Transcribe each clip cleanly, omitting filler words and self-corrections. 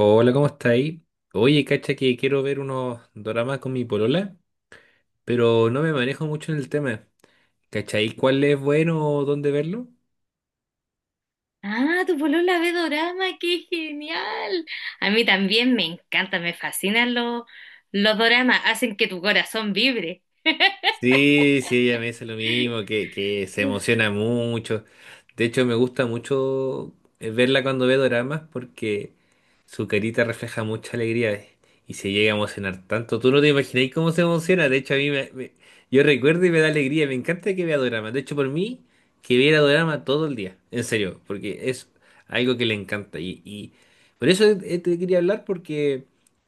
Hola, ¿cómo estáis? Oye, cacha que quiero ver unos doramas con mi polola, pero no me manejo mucho en el tema. ¿Cachai? ¿Cuál es bueno o dónde verlo? Ah, tu polola ve dorama, qué genial. A mí también me encanta, me fascinan los doramas, hacen que tu corazón vibre. Sí, sí, ella me dice lo mismo, que se emociona mucho. De hecho, me gusta mucho verla cuando ve doramas porque su carita refleja mucha alegría y se llega a emocionar tanto. Tú no te imagináis cómo se emociona. De hecho, a mí me, me- yo recuerdo y me da alegría. Me encanta que vea doramas. De hecho, por mí, que viera dorama todo el día. En serio, porque es algo que le encanta. Y por eso te quería hablar porque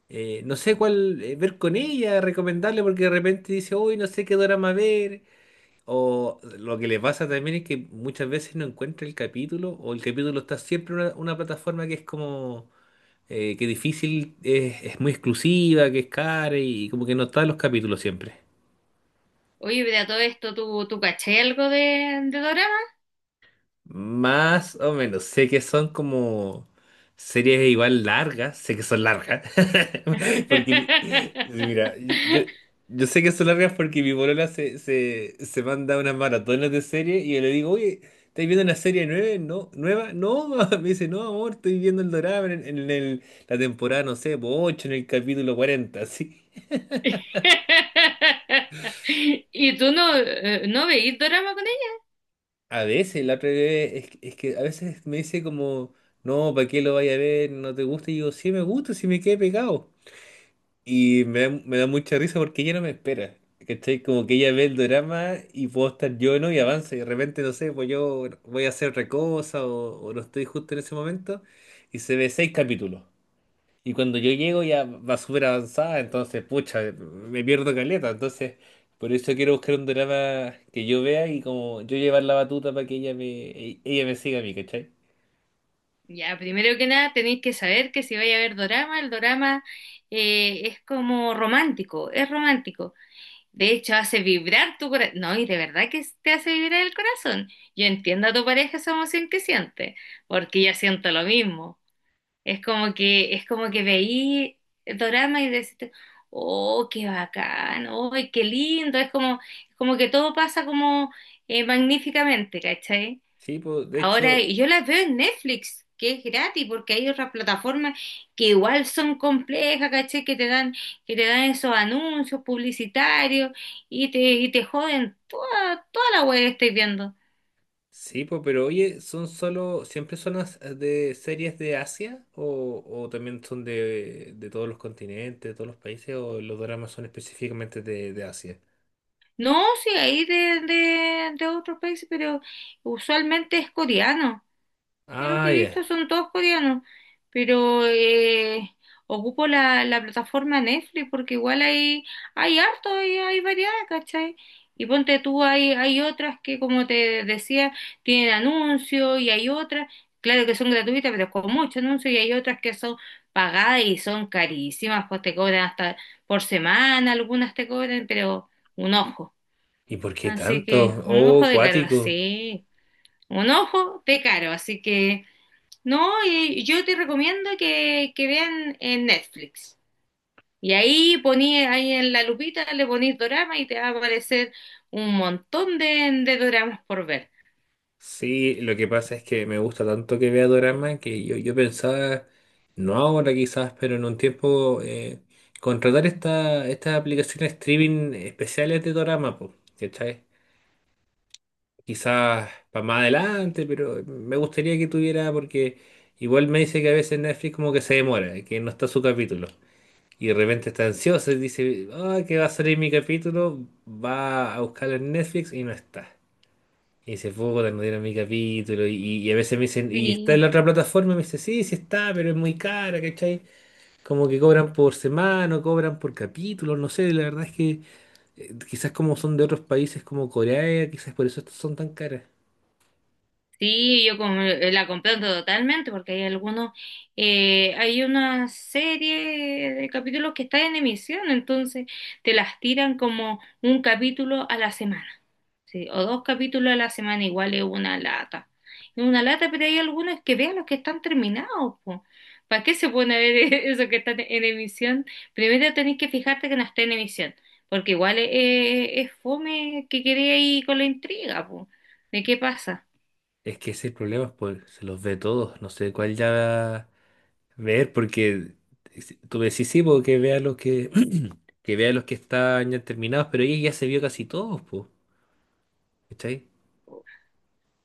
no sé cuál ver con ella, recomendarle, porque de repente dice, uy, no sé qué drama ver. O lo que le pasa también es que muchas veces no encuentra el capítulo, o el capítulo está siempre en una plataforma que es como que difícil, es muy exclusiva, que es cara y como que no están los capítulos siempre. Oye, pero a todo esto, ¿tú caché algo de dorama? Más o menos. Sé que son como series igual largas. Sé que son largas. Porque, sí, mira, yo sé que son largas porque mi polola se manda unas maratones de series y yo le digo, oye, ¿estás viendo una serie nueva? No, nueva. No, mamá". Me dice, no, amor, estoy viendo el dorado en la temporada, no sé, 8, en el capítulo 40 así. ¿Y tú no, no veís dorama con ella? A veces, la otra vez, es que a veces me dice como, no, ¿para qué lo vaya a ver? ¿No te gusta? Y yo, sí me gusta, sí me quedé pegado. Y me da mucha risa porque ella no me espera. ¿Cachai? Como que ella ve el drama y puedo estar yo, ¿no? Y avanza. Y de repente, no sé, pues yo voy a hacer otra cosa o no estoy justo en ese momento. Y se ve seis capítulos. Y cuando yo llego ya va súper avanzada, entonces, pucha, me pierdo caleta. Entonces, por eso quiero buscar un drama que yo vea y como yo llevar la batuta para que ella me siga a mí, ¿cachai? Ya, primero que nada tenéis que saber que si vais a ver dorama, el dorama es como romántico, es romántico. De hecho, hace vibrar tu corazón. No, y de verdad que te hace vibrar el corazón. Yo entiendo a tu pareja esa emoción que siente, porque yo siento lo mismo. Es como que veí el drama y decís, oh, qué bacán, oh, qué lindo. Es como que todo pasa como magníficamente, ¿cachai? Sí, pues, de Ahora hecho, yo las veo en Netflix, que es gratis, porque hay otras plataformas que igual son complejas, ¿cachai? Que te dan esos anuncios publicitarios y te joden toda la web que estáis viendo. sí, pues, pero oye, ¿son solo, siempre son de series de Asia o también son de todos los continentes, de todos los países o los dramas son específicamente de Asia? No, sí, hay de, de otros países, pero usualmente es coreano. Yo lo Ah, que he ya. visto son todos coreanos, pero ocupo la plataforma Netflix porque igual hay, hay harto, hay variedad, ¿cachai? Y ponte tú, hay otras que, como te decía, tienen anuncios y hay otras, claro que son gratuitas, pero con mucho anuncio y hay otras que son pagadas y son carísimas, pues te cobran hasta por semana, algunas te cobran, pero un ojo. ¿Y por qué Así que tanto? un Oh, ojo de caro, cuático. sí, un ojo de caro, así que… No, y yo te recomiendo que vean en Netflix. Y ahí poní, ahí en la lupita le ponís dorama y te va a aparecer un montón de doramas por ver. Sí, lo que pasa es que me gusta tanto que vea Dorama que yo pensaba, no ahora quizás, pero en un tiempo, contratar estas aplicaciones streaming especiales de Dorama, po, ¿cachai? Quizás para más adelante, pero me gustaría que tuviera, porque igual me dice que a veces Netflix como que se demora, que no está su capítulo. Y de repente está ansiosa y dice, ah, que va a salir mi capítulo, va a buscarlo en Netflix y no está. Hice poco, no dieron mi capítulo y a veces me dicen, ¿y Sí, está en la otra plataforma? Y me dice, sí, sí está, pero es muy cara, ¿cachai? Como que cobran por semana, o cobran por capítulo, no sé, la verdad es que quizás como son de otros países como Corea, quizás por eso estas son tan caras. sí, yo la comprendo totalmente porque hay algunos, hay una serie de capítulos que están en emisión, entonces te las tiran como un capítulo a la semana, sí, o dos capítulos a la semana, igual es una lata. Es una lata, pero hay algunos que vean los que están terminados, po. ¿Para qué se pone a ver eso que está en emisión? Primero tenés que fijarte que no está en emisión, porque igual es, es fome que quedé ahí con la intriga, po, de qué pasa. Es que ese problema es por, se los ve todos, no sé cuál ya ver, porque tú me decís, sí, porque vea los que, que vea los que están ya terminados, pero ella ya se vio casi todos, pues, ¿cachai?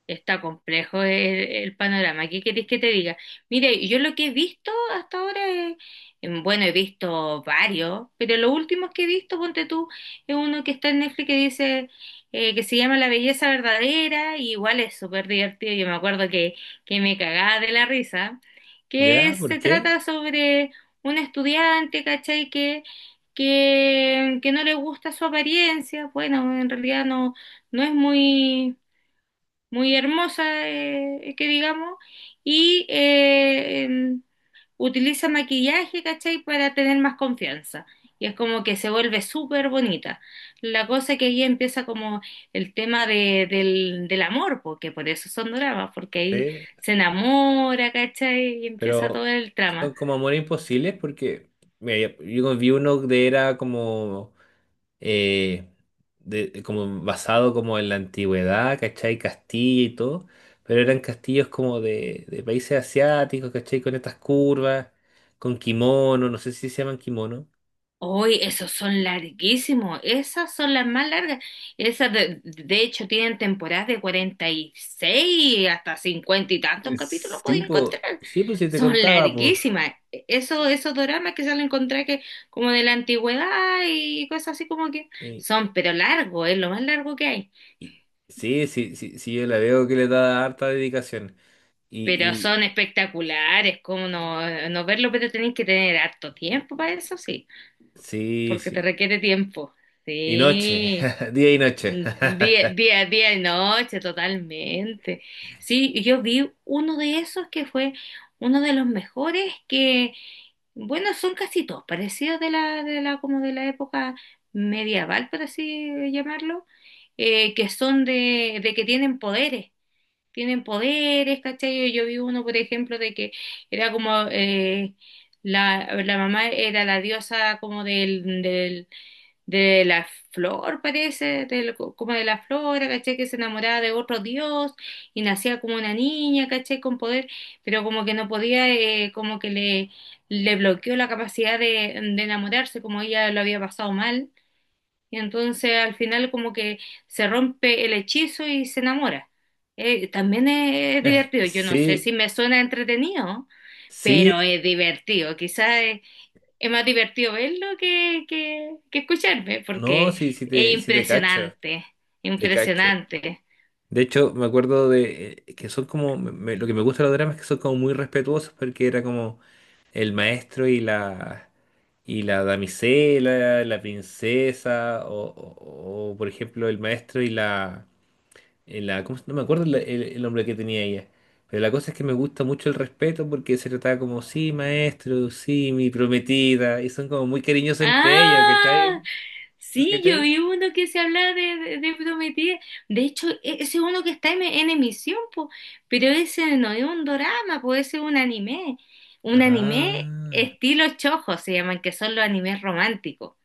Está complejo el panorama. ¿Qué querés que te diga? Mire, yo lo que he visto hasta ahora es, bueno, he visto varios, pero los últimos que he visto, ponte tú, es uno que está en Netflix que dice que se llama La Belleza Verdadera, y igual es súper divertido. Yo me acuerdo que me cagaba de la risa, que ¿Ya? ¿Por se qué? trata sobre un estudiante, ¿cachai? Que no le gusta su apariencia. Bueno, en realidad no, no es muy muy hermosa, que digamos, y utiliza maquillaje, ¿cachai? Para tener más confianza. Y es como que se vuelve súper bonita. La cosa que ahí empieza como el tema de, del amor, porque por eso son dramas, porque ahí Sí. se enamora, ¿cachai? Y empieza Pero todo el son trama. como amores imposibles porque mira, yo vi uno de era como eh, de como basado como en la antigüedad, ¿cachai? Castilla y todo, pero eran castillos como de países asiáticos, ¿cachai? Con estas curvas, con kimono, no sé si se llaman kimono. Uy, esos son larguísimos, esas son las más largas. Esas de hecho tienen temporadas de 46 hasta 50 y tantos capítulos Sí, pueden pues, encontrar. sí, pues si te Son contaba, pues. larguísimas. Eso, esos doramas que salen encontrar que como de la antigüedad y cosas así como que Y son, pero largos, es lo más largo que hay. sí, sí, sí, sí, yo la veo que le da harta dedicación. Pero Y son espectaculares, como no, no verlo, pero tenéis que tener harto tiempo para eso, sí, sí, porque te sí. requiere tiempo. Y noche, Sí. día y noche. Día y noche, totalmente. Sí, y yo vi uno de esos que fue uno de los mejores que, bueno, son casi todos parecidos de la, como de la época medieval, por así llamarlo, que son de que tienen poderes, ¿cachai? Yo vi uno, por ejemplo, de que era como la, la mamá era la diosa como del, de la flor, parece, como de la flora, caché que se enamoraba de otro dios y nacía como una niña, caché con poder, pero como que no podía, como que le bloqueó la capacidad de enamorarse, como ella lo había pasado mal, y entonces al final como que se rompe el hechizo y se enamora. También es divertido, yo no sé si Sí, me suena entretenido, sí, pero es divertido, quizás es más divertido verlo que escucharme, no, porque sí, es sí te cacho, impresionante, te cacho. impresionante. De hecho, me acuerdo de que son como, lo que me gusta de los dramas es que son como muy respetuosos porque era como el maestro y la, damisela, la princesa, por ejemplo el maestro. Y la... en la- ¿cómo se- No me acuerdo el nombre que tenía ella, pero la cosa es que me gusta mucho el respeto porque se trataba como, sí, maestro, sí, mi prometida, y son como muy cariñosos entre ellos, ¿cachai? Ah, sí, yo ¿Cachai? vi uno que se habla de, de Prometida. De hecho, ese es uno que está en emisión, po, pero ese no es un drama, puede ser un anime. Un anime Ah, estilo chojo se llaman, que son los animes románticos.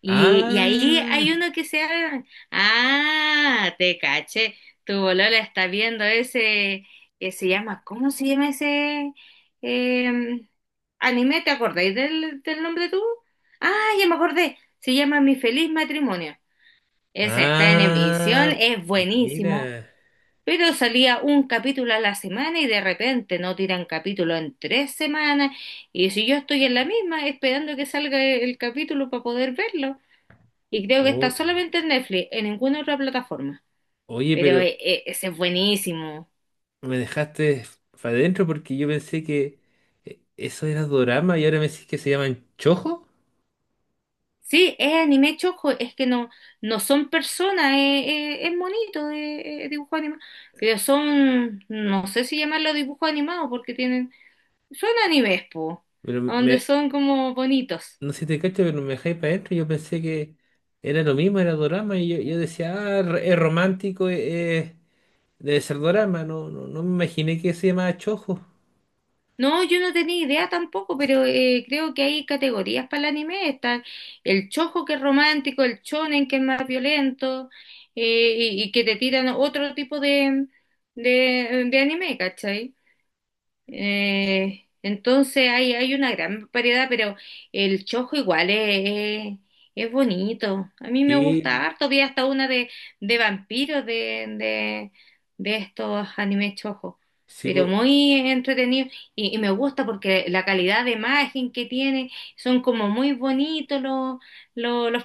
Y ahí ah, hay uno que se abre. Ah, te caché. Tu bolola está viendo ese que se llama, ¿cómo se llama ese eh, anime? ¿Te acordáis del nombre tú? Ah, ya me acordé. Se llama Mi Feliz Matrimonio. Ese está en emisión, ah, es buenísimo, mira. pero salía un capítulo a la semana y de repente no tiran capítulo en 3 semanas. Y si yo estoy en la misma esperando que salga el capítulo para poder verlo. Y creo que está O- solamente en Netflix, en ninguna otra plataforma. oye, Pero pero ese es buenísimo. me dejaste para adentro porque yo pensé que eso era dorama y ahora me decís que se llaman chojo. Sí, es anime chojo, es que no, no son personas, es bonito de dibujo animado. Pero son, no sé si llamarlo dibujo animado, porque tienen, son animes, po, Pero donde son como bonitos. no sé si te cacho, pero me dejé para adentro. Yo pensé que era lo mismo, era dorama. Y yo decía, ah, es romántico, debe ser dorama. No, no, no me imaginé que se llamaba Chojo. No, yo no tenía idea tampoco, pero creo que hay categorías para el anime. Están el chojo que es romántico, el shonen que es más violento y que te tiran otro tipo de anime, ¿cachai? Entonces hay una gran variedad, pero el chojo igual es bonito. A mí me Sí, gusta harto. Vi hasta una de vampiros de estos animes chojo, sí, pero po, muy entretenido. Y me gusta porque la calidad de imagen que tiene, son como muy bonitos los, los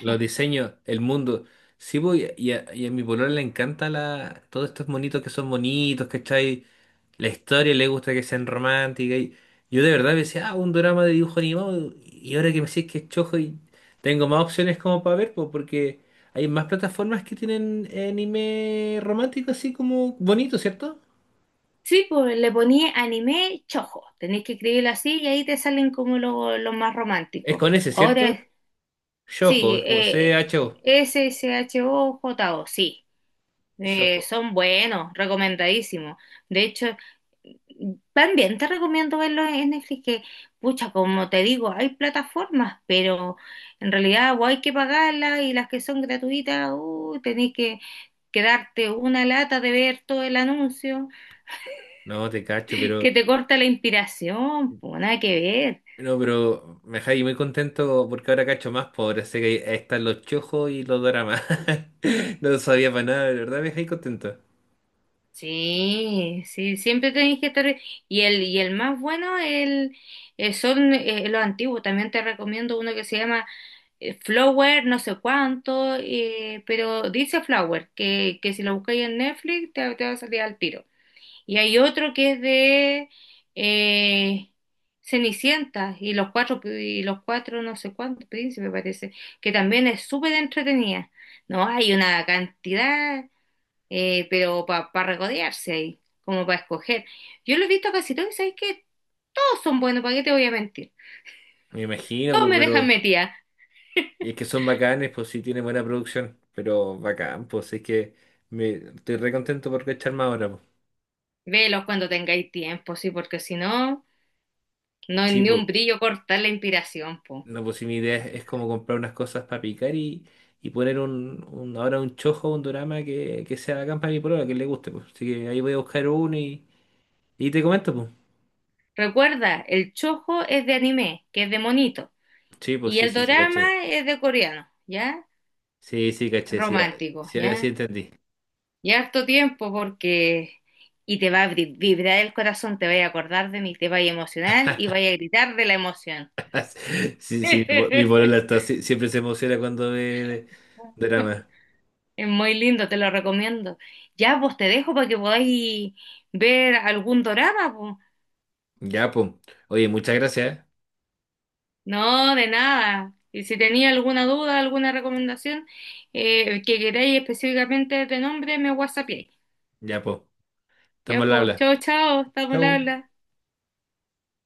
los diseños, el mundo. Sí, po, y a mi polola le encanta todos estos monitos que son bonitos, ¿cachai? La historia le gusta que sean románticas. Y yo de verdad decía, ah, un drama de dibujo animado. Y ahora que me decís que es chojo y tengo más opciones como para ver, pues, porque hay más plataformas que tienen anime romántico así como bonito, ¿cierto? Sí, pues le ponía anime chojo. Tenéis que escribirlo así y ahí te salen como los más Es románticos. con ese, ¿cierto? Ahora Shoujo, sí, es como Cho. SHOJO, sí. Shoujo. Son buenos, recomendadísimos. De hecho, también te recomiendo verlos en Netflix, que, pucha, como te digo, hay plataformas, pero en realidad o hay que pagarlas y las que son gratuitas, tenés que quedarte una lata de ver todo el anuncio, No, te cacho, pero. que te corta la inspiración, pues nada que ver. No, pero me dejáis muy contento porque ahora cacho más pobre. Sé que ahí están los chojos y los dramas. No sabía para nada, de verdad me dejáis contento. Sí, sí, siempre tenéis que estar. Y el más bueno el, son los antiguos. También te recomiendo uno que se llama Flower, no sé cuánto, pero dice Flower, que si lo buscáis en Netflix te, te va a salir al tiro. Y hay otro que es de eh, Cenicienta y los cuatro, no sé cuántos príncipes, parece, que también es súper entretenida. No, hay una cantidad pero para regodearse ahí, como para escoger. Yo lo he visto casi todos y sabéis que todos son buenos, ¿para qué te voy a mentir? Me imagino, Todos pues, me dejan pero. metida. Y es que son bacanes, pues sí tienen buena producción, pero bacán, pues es que estoy re contento por cacharme ahora, pues. Velos cuando tengáis tiempo, sí, porque si no, no hay Sí, ni pues, un brillo cortar la inspiración, po. no, pues si mi idea es como comprar unas cosas para picar y poner un, ahora un chojo, un dorama que sea bacán para mi polola, que le guste, pues. Así que ahí voy a buscar uno y te comento, pues. Recuerda, el chojo es de anime, que es de monito, Sí, pues y sí, el sí, sí, caché. dorama es de coreano, ¿ya? Sí, sí, caché, sí, ah, Romántico, sí, ahora sí ¿ya? entendí. Y harto tiempo porque… Y te va a vibrar el corazón, te va a acordar de mí, te va a emocionar y vaya a gritar de la emoción. Sí, sí, mi Es polola está, sí, siempre se emociona cuando ve de- dorama. muy lindo, te lo recomiendo. Ya, vos te dejo para que podáis ver algún dorama, po. Ya, pues. Oye, muchas gracias, ¿eh? No, de nada. Y si tenía alguna duda, alguna recomendación que queráis específicamente de nombre, me whatsappiéis. Ya, pues. Estamos Ya, al pues, habla. chao, chao, estamos al Chau. habla.